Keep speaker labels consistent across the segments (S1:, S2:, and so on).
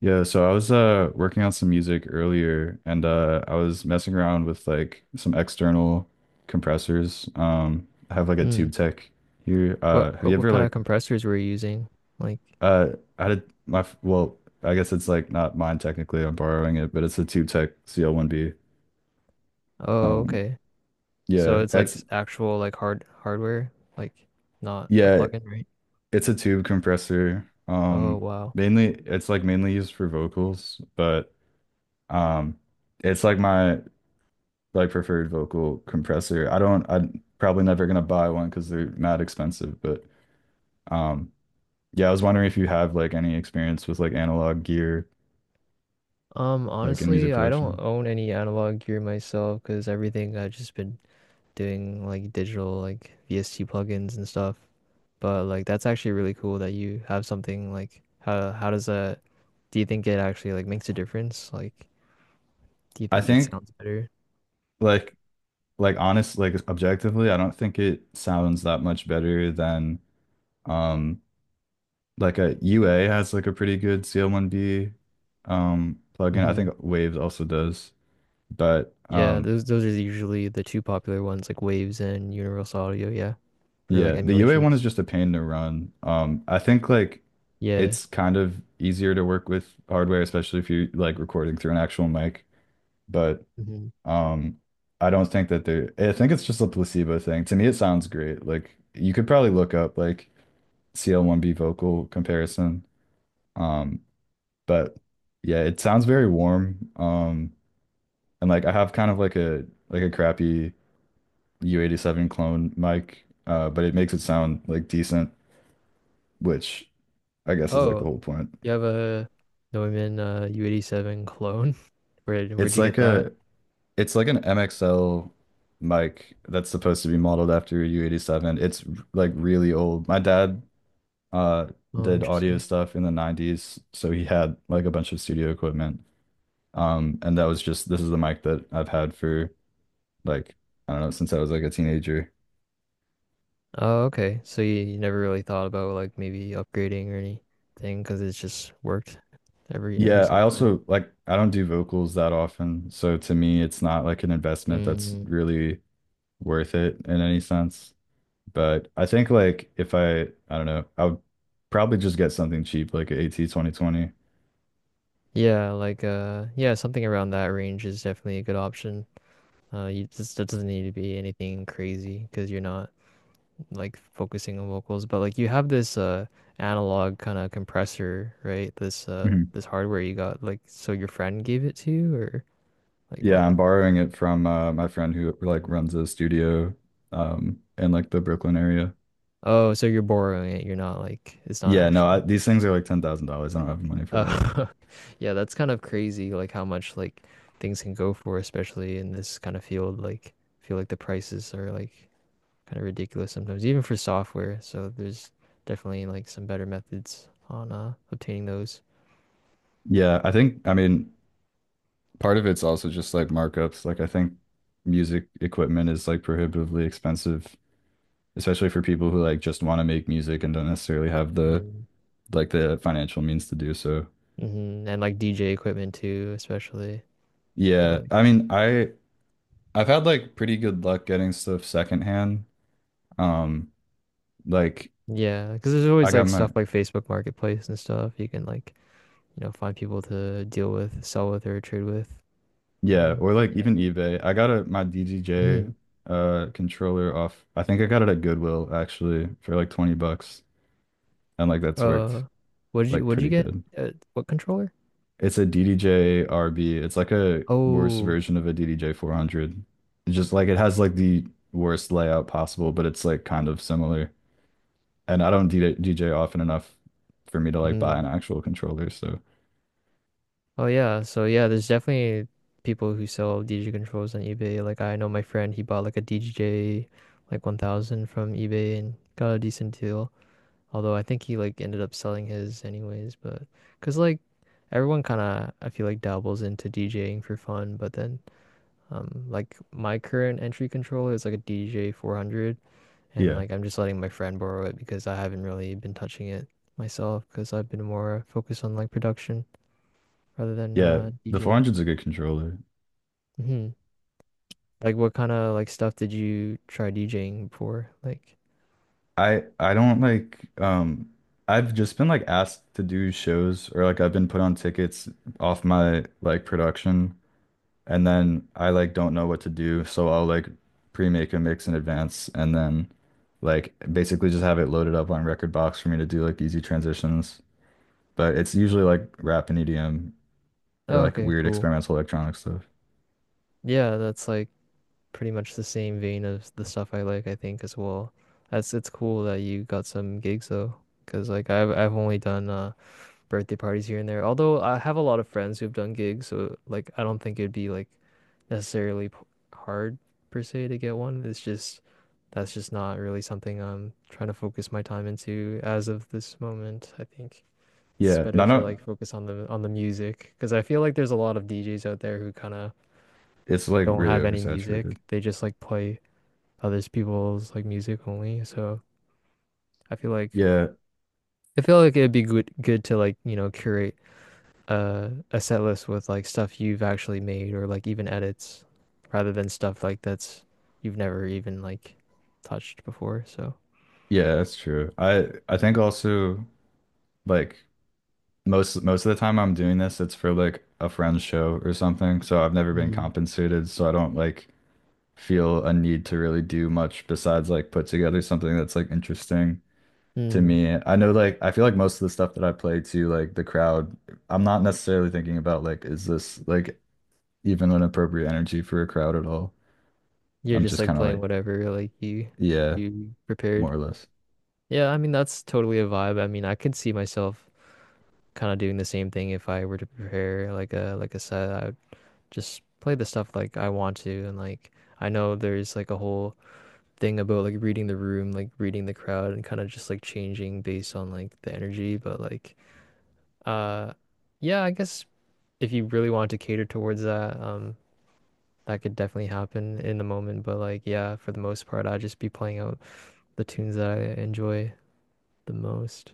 S1: Yeah, so I was working on some music earlier and I was messing around with like some external compressors. I have like a
S2: Mm.
S1: Tube Tech here.
S2: What,
S1: Have you
S2: what what
S1: ever
S2: kind of
S1: like
S2: compressors were you using? Like,
S1: uh I had my f- well, I guess it's like not mine technically. I'm borrowing it, but it's a Tube Tech CL1B.
S2: oh,
S1: Um
S2: okay. So
S1: yeah,
S2: it's like
S1: that's
S2: actual like hardware, like not a
S1: yeah,
S2: plugin, right?
S1: it's a tube compressor.
S2: Oh, wow.
S1: Mainly it's like mainly used for vocals, but um it's like my like preferred vocal compressor. I don't, I'm probably never gonna buy one because they're mad expensive, but um yeah, I was wondering if you
S2: Mhm.
S1: have like any experience with like analog gear like in music
S2: Honestly, I don't
S1: production.
S2: own any analog gear myself because everything I've just been doing like digital like VST plugins and stuff. But like that's actually really cool that you have something like how does that do you think it actually like makes a difference? Like, do you
S1: I
S2: think it
S1: think
S2: sounds better?
S1: like like honest like objectively, I don't think it sounds that much better than um like a UA has like a pretty good CL1B plugin. I think Waves also does, but
S2: Yeah, those are usually the two popular ones, like Waves and Universal Audio, yeah, for like
S1: yeah, the UA one is
S2: emulations.
S1: just a pain to run. I think like
S2: Yeah.
S1: it's kind of easier to work with hardware, especially if you're like recording through an actual mic. But
S2: Hmm.
S1: um, I don't think that they're, I think it's just a placebo thing. To me, it sounds great. Like you could probably look up like CL1B vocal comparison. Um, but yeah, it sounds very warm. And like I have kind of like a crappy U87 clone mic, but it makes it sound like decent, which I guess is like the
S2: Oh,
S1: whole point.
S2: you have a Neumann U87 clone? Where'd
S1: It's
S2: you get
S1: like
S2: that?
S1: a it's like an MXL mic that's supposed to be modeled after a U87. It's like really old. My dad uh
S2: Oh,
S1: did audio
S2: interesting.
S1: stuff in the 90s, so he had like a bunch of studio equipment. And that was just this is the mic that I've had for like I don't know since I was like a teenager.
S2: Oh, okay. So you never really thought about like maybe upgrading or anything because it's just worked every
S1: Yeah, I
S2: single time.
S1: also like I don't do vocals that often, so to me it's not like an investment that's
S2: Mm,
S1: really worth it in any sense. But I think like if I I don't know, I would probably just get something cheap like an AT 2020.
S2: yeah, like yeah, something around that range is definitely a good option. You just that doesn't need to be anything crazy because you're not, like focusing on vocals, but like you have this analog kind of compressor, right? This
S1: Mhm.
S2: this hardware you got like so your friend gave it to you or like what?
S1: Yeah, I'm borrowing it from my friend who like runs a studio in like the Brooklyn area.
S2: Oh, so you're borrowing it. You're not like it's not
S1: Yeah, no,
S2: actually.
S1: these things are like $10,000. I don't have the money for that.
S2: Uh, yeah, that's kind of crazy like how much like things can go for, especially in this kind of field. Like I feel like the prices are like kind of ridiculous sometimes, even for software. So there's definitely like some better methods on obtaining those.
S1: Yeah, I think I mean part of it's also just like markups. Like I think music equipment is like prohibitively expensive, especially for people who like just want to make music and don't necessarily have the
S2: Mm.
S1: like the financial means to do so.
S2: Hmm. And like DJ equipment too, especially. I feel
S1: Yeah,
S2: like,
S1: I mean, I've had like pretty good luck getting stuff secondhand. Um, like
S2: yeah, because there's
S1: I
S2: always
S1: got
S2: like
S1: my
S2: stuff like Facebook Marketplace and stuff you can like, you know, find people to deal with, sell with, or trade with.
S1: yeah, or like
S2: Yeah.
S1: even eBay. I got a my DJJ
S2: Hmm.
S1: controller off. I think I got it at Goodwill actually for like 20 bucks and like that's
S2: Uh,
S1: worked
S2: what did you
S1: like
S2: what did
S1: pretty
S2: you get?
S1: good.
S2: What controller?
S1: It's a DDJ RB. It's like a worse
S2: Oh,
S1: version of a DDJ 400. It's just like it has like the worst layout possible, but it's like kind of similar. And I don't DJ often enough for me to like buy an
S2: mm.
S1: actual controller, so
S2: Oh yeah. So yeah, there's definitely people who sell DJ controls on eBay. Like I know my friend, he bought like a DJJ like 1000 from eBay and got a decent deal. Although I think he like ended up selling his anyways, but because like everyone kind of, I feel like, dabbles into DJing for fun, but then like my current entry controller is like a DJ 400 and
S1: yeah,
S2: like I'm just letting my friend borrow it because I haven't really been touching it myself because I've been more focused on like production rather than
S1: Yeah, the
S2: DJing.
S1: 400's a good controller.
S2: Hmm. Like what kind of like stuff did you try DJing before? Like
S1: I don't like I've just been like asked to do shows or like I've been put on tickets off my like production and then I like don't know what to do, so I'll like pre-make a mix in advance and then like basically just have it loaded up on Record Box for me to do like easy transitions. But it's usually like rap and EDM
S2: oh
S1: or like
S2: okay,
S1: weird
S2: cool.
S1: experimental electronic stuff.
S2: Yeah, that's like pretty much the same vein of the stuff I like, I think as well. That's, it's cool that you got some gigs though, because like I've only done birthday parties here and there. Although I have a lot of friends who've done gigs, so like I don't think it'd be like necessarily p hard per se to get one. It's just that's just not really something I'm trying to focus my time into as of this moment, I think. It's
S1: Yeah,
S2: better
S1: no
S2: to
S1: no
S2: like focus on the music because I feel like there's a lot of DJs out there who kind of
S1: it's like
S2: don't
S1: really
S2: have any
S1: oversaturated.
S2: music. They just like play other people's like music only. So I feel like
S1: Yeah,
S2: I feel like it'd be good to, like, you know, curate a set list with like stuff you've actually made or like even edits, rather than stuff like that's you've never even like touched before. So
S1: Yeah, that's true. I think also like most of the time I'm doing this, it's for like a friend's show or something. So I've never been
S2: mm.
S1: compensated, so I don't like feel a need to really do much besides like put together something that's like interesting to
S2: Mm.
S1: me. I know like I feel like most of the stuff that I play to like the crowd, I'm not necessarily thinking about like is this like even an appropriate energy for a crowd at all.
S2: You're
S1: I'm
S2: just
S1: just
S2: like
S1: kind of
S2: playing
S1: like,
S2: whatever like
S1: yeah,
S2: you
S1: more
S2: prepared.
S1: or less.
S2: Yeah, I mean that's totally a vibe. I mean, I could see myself kind of doing the same thing if I were to prepare like a set. Just play the stuff like I want to and like I know there's like a whole thing about like reading the room, like reading the crowd and kind of just like changing based on like the energy, but like uh yeah, I guess if you really want to cater towards that, that could definitely happen in the moment, but like yeah, for the most part I'd just be playing out the tunes that I enjoy the most.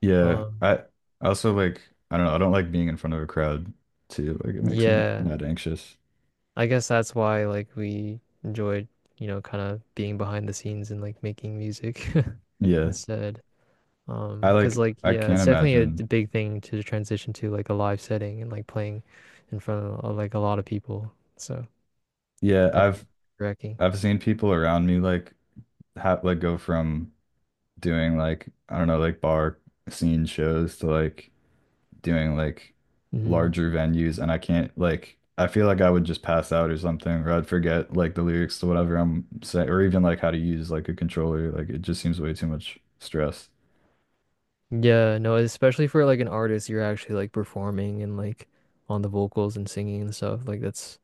S1: Yeah,
S2: Um
S1: I also like I don't know, I don't like being in front of a crowd too. Like it makes me
S2: yeah.
S1: mad anxious.
S2: I guess that's why like we enjoyed, you know, kind of being behind the scenes and like making music
S1: Yeah.
S2: instead.
S1: I
S2: 'Cause
S1: like
S2: like
S1: I
S2: yeah,
S1: can't
S2: it's definitely a
S1: imagine.
S2: big thing to transition to like a live setting and like playing in front of like a lot of people. So
S1: Yeah, I've
S2: definitely wrecking.
S1: I've seen people around me like have like go from doing like I don't know, like bar scene shows to like doing like
S2: Hmm.
S1: larger venues, and I can't like I feel like I would just pass out or something or I'd forget like the lyrics to whatever I'm saying or even like how to use like a controller. Like it just seems way too much stress.
S2: Yeah, no, especially for like an artist, you're actually like performing and like on the vocals and singing and stuff. Like that's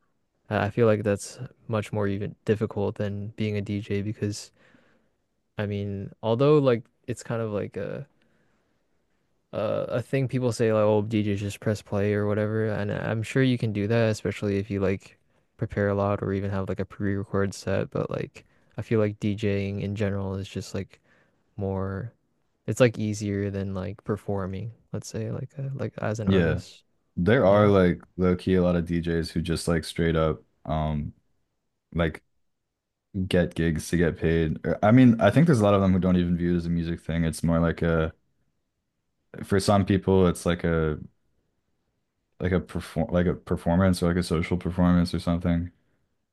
S2: I feel like that's much more even difficult than being a DJ because I mean, although like it's kind of like a, a thing people say like, oh, DJ just press play or whatever, and I'm sure you can do that, especially if you like prepare a lot or even have like a pre-record set. But like, I feel like DJing in general is just like more, it's like easier than like performing, let's say, like like as an
S1: Yeah.
S2: artist.
S1: There are
S2: Yeah.
S1: like low key a lot of DJs who just like straight up like get gigs to get paid. I mean, I think there's a lot of them who don't even view it as a music thing. It's more like a for some people it's like a performance or like a social performance or something.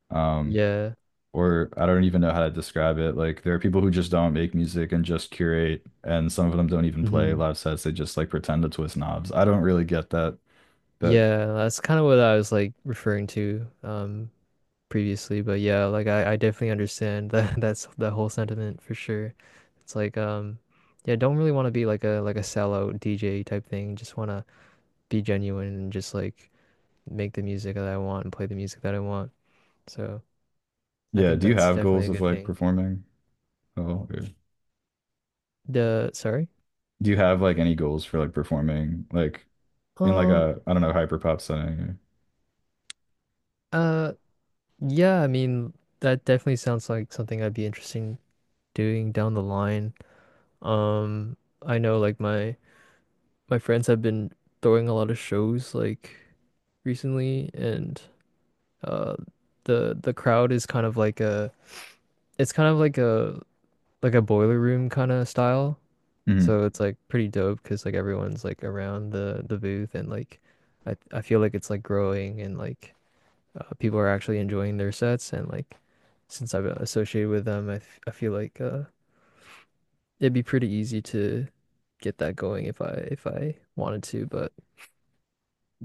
S1: Um
S2: Yeah.
S1: or I don't even know how to describe it. Like there are people who just don't make music and just curate and some of them don't even play
S2: Hmm.
S1: live sets. They just like pretend to twist knobs. I don't really get that. But
S2: Yeah, that's kind of what I was like referring to. Previously, but yeah, like I definitely understand that that's that whole sentiment for sure. It's like yeah, don't really want to be like a sellout DJ type thing. Just want to be genuine and just like make the music that I want and play the music that I want. So, I
S1: yeah,
S2: think
S1: do you
S2: that's
S1: have
S2: definitely
S1: goals
S2: a
S1: of
S2: good
S1: like
S2: thing.
S1: performing? Oh,
S2: The sorry.
S1: do you have like any goals for like performing like in like
S2: Um
S1: a I don't know hyper pop setting?
S2: uh yeah, I mean that definitely sounds like something I'd be interesting doing down the line. Um I know like my friends have been throwing a lot of shows like recently and uh the crowd is kind of like a it's kind of like a boiler room kind of style.
S1: Hmm.
S2: So it's like pretty dope because like everyone's like around the booth and like I feel like it's like growing and like people are actually enjoying their sets and like since I've associated with them I feel like it'd be pretty easy to get that going if I wanted to, but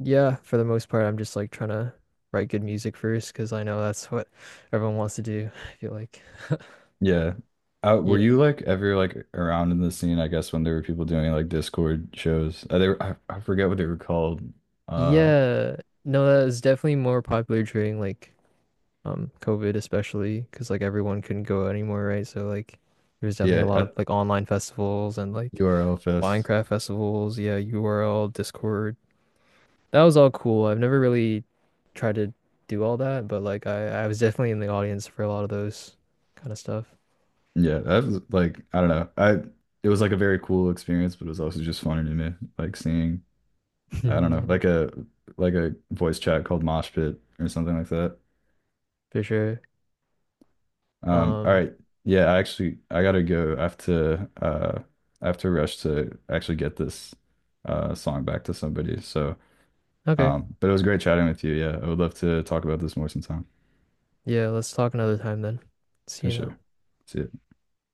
S2: yeah, for the most part, I'm just like trying to write good music first because I know that's what everyone wants to do. I feel like.
S1: Yeah. Were
S2: Yeah.
S1: you like ever like around in the scene? I guess when there were people doing like Discord shows, they were, I forget what they were called. Uh,
S2: Yeah. No, that was definitely more popular during like COVID especially because like everyone couldn't go anymore, right? So like there was definitely
S1: yeah,
S2: a lot of
S1: at
S2: like online festivals and like
S1: URL Fest.
S2: Minecraft festivals, yeah, URL, Discord. That was all cool. I've never really tried to do all that, but like I was definitely in the audience for a lot of those kind of stuff.
S1: Yeah, that was like I don't know. I it was like a very cool experience, but it was also just funny to me, like seeing I don't know,
S2: Yeah,
S1: like a voice chat called Mosh Pit or something like that.
S2: for sure.
S1: All
S2: Um,
S1: right. Yeah, I actually I gotta go. I have to rush to actually get this song back to somebody. So
S2: okay.
S1: but it was great chatting with you. Yeah, I would love to talk about this more sometime.
S2: Yeah, let's talk another time then. See
S1: For
S2: you
S1: sure.
S2: now.
S1: See ya.